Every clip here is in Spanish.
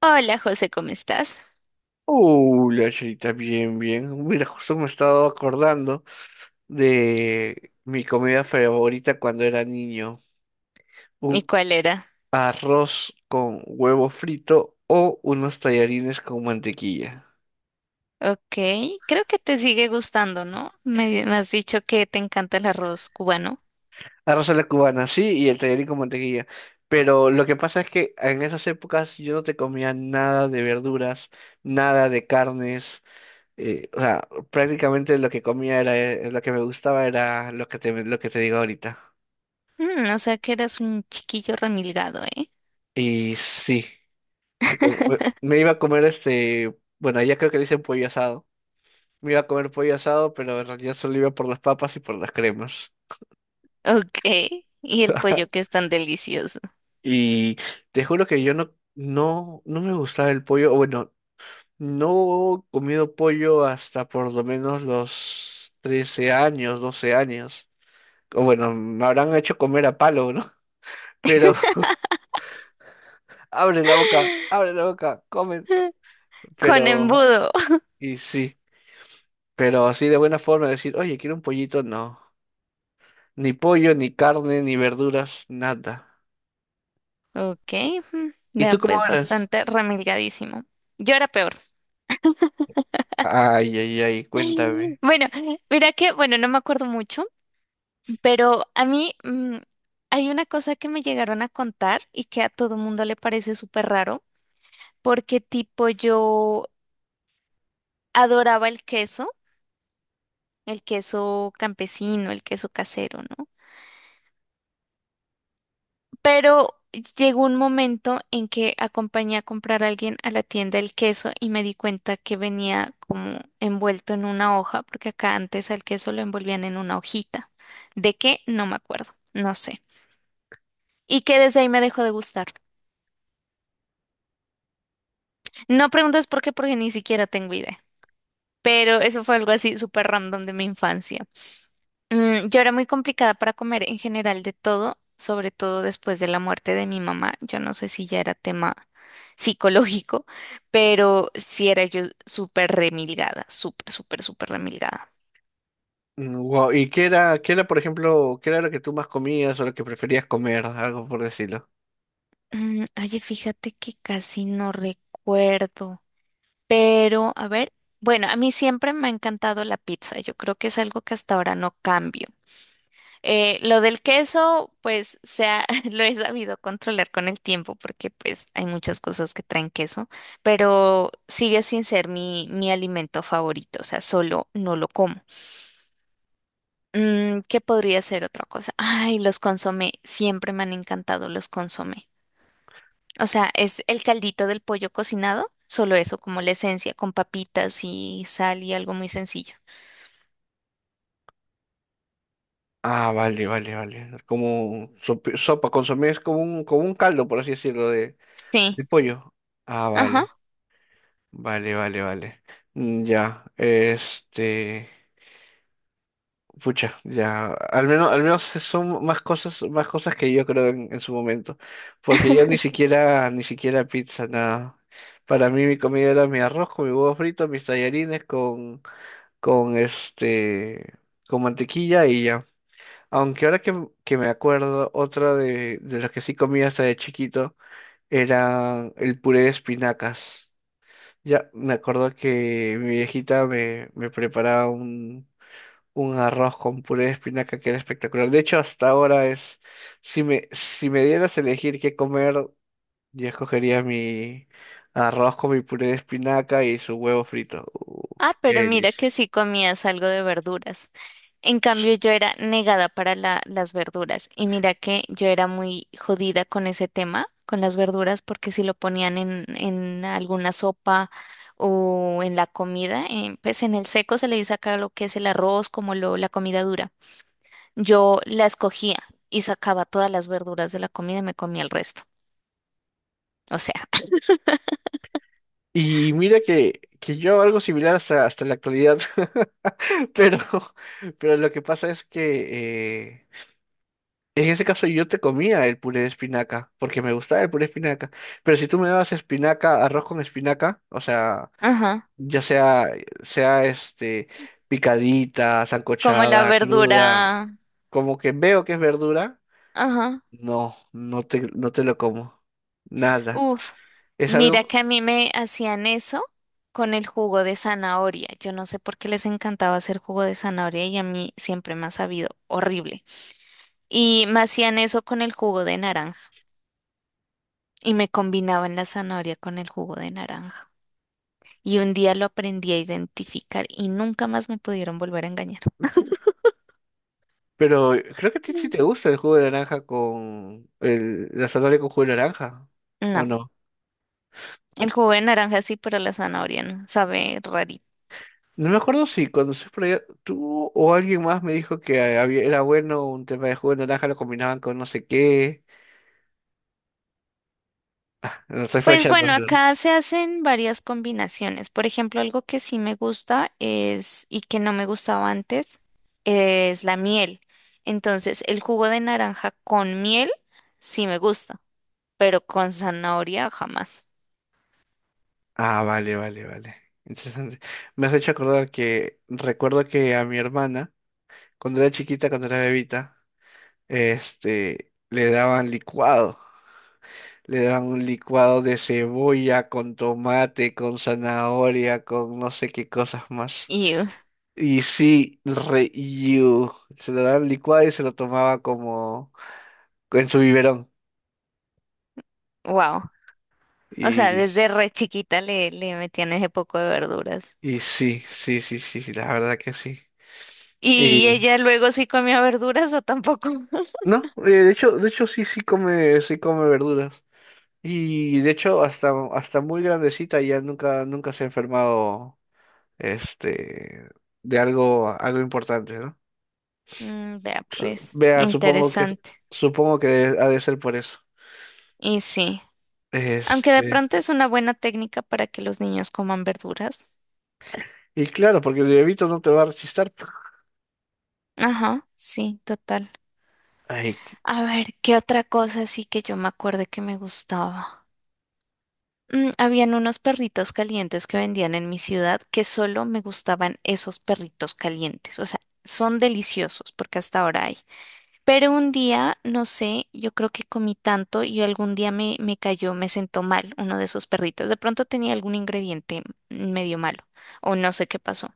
Hola José, ¿cómo estás? La chita, bien, bien. Mira, justo me estaba acordando de mi comida favorita cuando era niño. ¿Y Un cuál era? arroz con huevo frito o unos tallarines con mantequilla. Ok, creo que te sigue gustando, ¿no? Me has dicho que te encanta el arroz cubano. Arroz a la cubana, sí, y el tallarín con mantequilla. Pero lo que pasa es que en esas épocas yo no te comía nada de verduras, nada de carnes. O sea, prácticamente lo que comía era, lo que me gustaba era lo que te digo ahorita. Mm, o sea que eras un chiquillo remilgado, ¿eh? Y sí. Me co- Me iba a comer este, bueno, allá creo que le dicen pollo asado. Me iba a comer pollo asado, pero en realidad solo iba por las papas y por las cremas. Ok, y el pollo que es tan delicioso. Y te juro que yo no, no, no me gustaba el pollo. O bueno, no he comido pollo hasta por lo menos los 13 años, 12 años. O bueno, me habrán hecho comer a palo, ¿no? Pero abre la boca, comen. Con Pero, embudo. y sí, pero así de buena forma decir, oye, quiero un pollito, no. Ni pollo, ni carne, ni verduras, nada. Ok, mm, ¿Y vea tú cómo pues eras? bastante remilgadísimo. Yo era peor. Ay, ay, ay, cuéntame. Bueno, mira que, bueno, no me acuerdo mucho, pero a mí hay una cosa que me llegaron a contar y que a todo mundo le parece súper raro, porque tipo yo adoraba el queso campesino, el queso casero, ¿no? Pero llegó un momento en que acompañé a comprar a alguien a la tienda el queso y me di cuenta que venía como envuelto en una hoja, porque acá antes al queso lo envolvían en una hojita. ¿De qué? No me acuerdo, no sé. Y que desde ahí me dejó de gustar. No preguntes por qué, porque ni siquiera tengo idea. Pero eso fue algo así súper random de mi infancia. Mm, yo era muy complicada para comer en general de todo, sobre todo después de la muerte de mi mamá. Yo no sé si ya era tema psicológico, pero sí era yo súper remilgada, súper, súper, súper remilgada. Mm, wow. ¿Y qué era, por ejemplo, qué era lo que tú más comías o lo que preferías comer? Algo por decirlo. Mm, oye, fíjate que casi no recuerdo, pero a ver, bueno, a mí siempre me ha encantado la pizza. Yo creo que es algo que hasta ahora no cambio. Lo del queso, pues se lo he sabido controlar con el tiempo, porque pues hay muchas cosas que traen queso, pero sigue sin ser mi alimento favorito, o sea, solo no lo como. Mm, ¿qué podría ser otra cosa? Ay, los consomé, siempre me han encantado los consomé. O sea, es el caldito del pollo cocinado, solo eso, como la esencia, con papitas y sal y algo muy sencillo. Ah, vale, vale, vale. Como sopa, consomé es como un, caldo, por así decirlo, de Sí, pollo. Ah, ajá. vale, vale, vale, vale. Mm, ya, este. Pucha, ya, al menos, son más cosas, que yo creo en su momento, porque yo ni siquiera, pizza, nada. Para mí mi comida era mi arroz con mi huevo frito, mis tallarines con, con este, mantequilla y ya. Aunque ahora que, me acuerdo, otra de, las que sí comía hasta de chiquito era el puré de espinacas. Ya, me acuerdo que mi viejita me, preparaba un arroz con puré de espinaca que era espectacular. De hecho, hasta ahora es, si me, dieras a elegir qué comer, yo escogería mi arroz con mi puré de espinaca y su huevo frito. Uf, Ah, qué pero mira delicia. que sí comías algo de verduras. En cambio, yo era negada para la- las verduras. Y mira que yo era muy jodida con ese tema, con las verduras, porque si lo ponían en alguna sopa o en la comida, pues en el seco se le dice acá lo que es el arroz, como lo, la comida dura. Yo la escogía y sacaba todas las verduras de la comida y me comía el resto. O sea, Y mira que, yo hago algo similar hasta, la actualidad, pero, lo que pasa es que en ese caso yo te comía el puré de espinaca, porque me gustaba el puré de espinaca, pero si tú me dabas espinaca, arroz con espinaca, o sea, ajá, ya sea, sea este, picadita, como la sancochada, cruda, verdura, como que veo que es verdura, ajá. no, no te, lo como, nada. Uf, Es mira algo, que a mí me hacían eso con el jugo de zanahoria. Yo no sé por qué les encantaba hacer jugo de zanahoria y a mí siempre me ha sabido horrible. Y me hacían eso con el jugo de naranja y me combinaban la zanahoria con el jugo de naranja. Y un día lo aprendí a identificar y nunca más me pudieron volver a engañar. pero creo que a ti sí te Mm. gusta el jugo de naranja con, la zanahoria con jugo de naranja, ¿o No, no? el jugo de naranja sí, pero la zanahoria no, sabe rarito. No me acuerdo si cuando se por allá, tú o alguien más me dijo que era bueno un tema de jugo de naranja, lo combinaban con no sé qué. No estoy Pues flasheando. bueno, acá se hacen varias combinaciones. Por ejemplo, algo que sí me gusta es, y que no me gustaba antes, es la miel. Entonces, el jugo de naranja con miel sí me gusta, pero con zanahoria jamás. Ah, vale, vale, vale. Interesante. Me has hecho acordar que recuerdo que a mi hermana, cuando era chiquita, cuando era bebita, le daban licuado. Le daban un licuado de cebolla con tomate, con zanahoria, con no sé qué cosas más. Y Y sí, re you. Se lo daban licuado y se lo tomaba como en su biberón. wow. O sea, Y, desde re chiquita le metían ese poco de verduras. y, sí, sí, sí, sí, sí, la verdad que sí. ¿Y ella luego sí comía verduras o tampoco? No, de hecho, sí, sí come, verduras. Y de hecho, hasta, muy grandecita ya nunca, nunca se ha enfermado, este, de algo, importante, ¿no? Mm, vea, pues, Vea, supongo que, interesante. supongo que ha de ser por eso. Y sí. Aunque de Este, pronto es una buena técnica para que los niños coman verduras. y claro, porque el bebito no te va a rechistar. Ajá, sí, total. Ay, A ver, ¿qué otra cosa sí que yo me acuerdo que me gustaba? Mm, habían unos perritos calientes que vendían en mi ciudad que solo me gustaban esos perritos calientes. O sea, son deliciosos porque hasta ahora hay. Pero un día, no sé, yo creo que comí tanto y algún día me cayó, me sentó mal uno de esos perritos. De pronto tenía algún ingrediente medio malo o no sé qué pasó.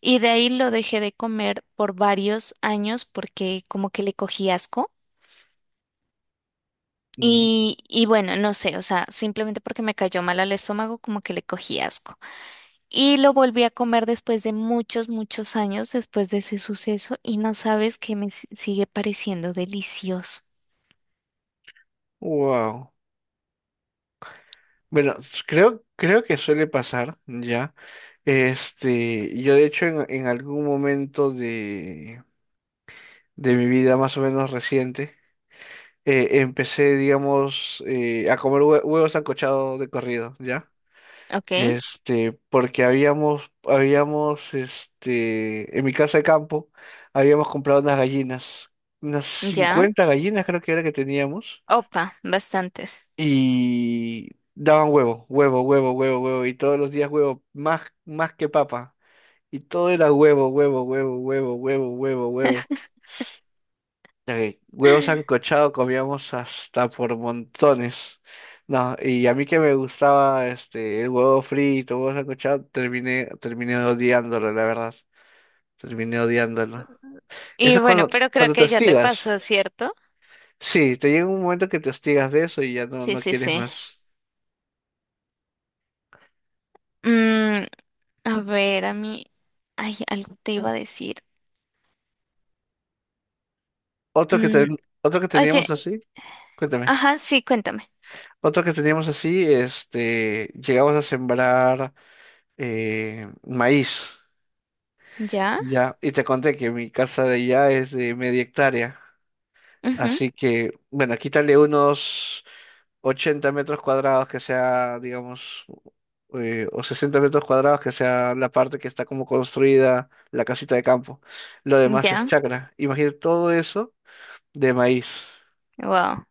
Y de ahí lo dejé de comer por varios años porque como que le cogí asco. mm, Y bueno, no sé, o sea, simplemente porque me cayó mal al estómago, como que le cogí asco. Y lo volví a comer después de muchos, muchos años después de ese suceso y no sabes que me si- sigue pareciendo delicioso. wow. Bueno, creo, que suele pasar, ya. Yo de hecho en, algún momento de mi vida más o menos reciente, empecé, digamos, a comer huevos ancochados de corrido, ¿ya? ¿Ok? Porque en mi casa de campo, habíamos comprado unas gallinas, unas Ya. 50 gallinas creo que era que teníamos, Opa, bastantes. y daban huevo, huevo, huevo, huevo, huevo, y todos los días huevo, más, que papa, y todo era huevo, huevo, huevo, huevo, huevo, huevo, huevo. Ok, huevos sancochado comíamos hasta por montones. No, y a mí que me gustaba el huevo frito, huevo sancochado, terminé, odiándolo, la verdad. Terminé odiándolo. Eso Y es bueno, cuando, pero creo te que ya te hostigas. pasó, ¿cierto? Sí, te llega un momento que te hostigas de eso y ya no, Sí, no sí, quieres sí. más. Mm, a ver, a mí, ay, algo te iba a decir. Mm, Otro que teníamos oye, así, cuéntame. ajá, sí, cuéntame. Otro que teníamos así, llegamos a sembrar maíz. Ya. Ya, y te conté que mi casa de allá es de media hectárea, Ujú. así que, bueno, quítale unos 80 metros cuadrados que sea, digamos, o 60 metros cuadrados que sea la parte que está como construida, la casita de campo. Lo demás es Ya. chacra. Imagínate todo eso de maíz. Wow.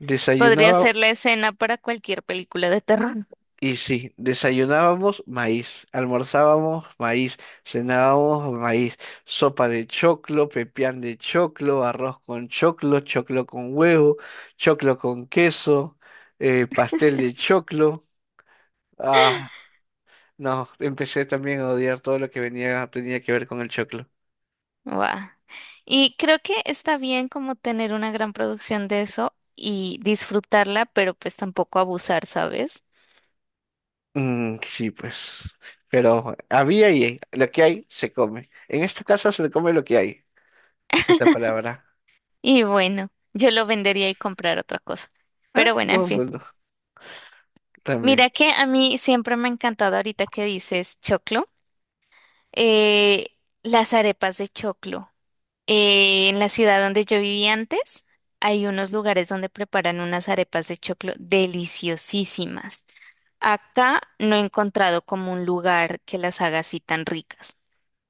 Wow. Podría ser la escena para cualquier película de terror. Y sí, desayunábamos maíz, almorzábamos maíz, cenábamos maíz, sopa de choclo, pepián de choclo, arroz con choclo, choclo con huevo, choclo con queso, pastel de choclo. Ah, no, empecé también a odiar todo lo que tenía que ver con el choclo. Wow. Y creo que está bien como tener una gran producción de eso y disfrutarla, pero pues tampoco abusar, ¿sabes? Mm, sí, pues. Pero había y hay. Lo que hay se come. En esta casa se come lo que hay. Esa es la palabra. Y bueno, yo lo vendería y comprar otra cosa. Ah, Pero bueno, en buen fin. punto, también. Mira que a mí siempre me ha encantado ahorita que dices choclo, eh, las arepas de choclo. En la ciudad donde yo viví antes, hay unos lugares donde preparan unas arepas de choclo deliciosísimas. Acá no he encontrado como un lugar que las haga así tan ricas.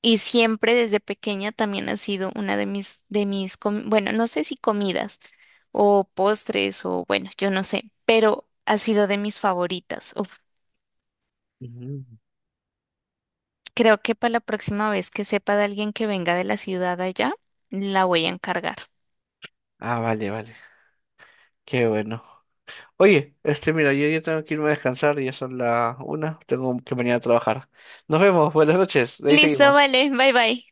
Y siempre desde pequeña también ha sido una de mis, com- bueno, no sé si comidas o postres o bueno, yo no sé, pero ha sido de mis favoritas. Uf, Ujú. creo que para la próxima vez que sepa de alguien que venga de la ciudad allá, la voy a encargar. Ah, vale, vale. Qué bueno. Oye, mira, yo ya tengo que irme a descansar, ya son las una, tengo que mañana a trabajar. Nos vemos, buenas noches, de ahí Listo, seguimos. vale, bye bye.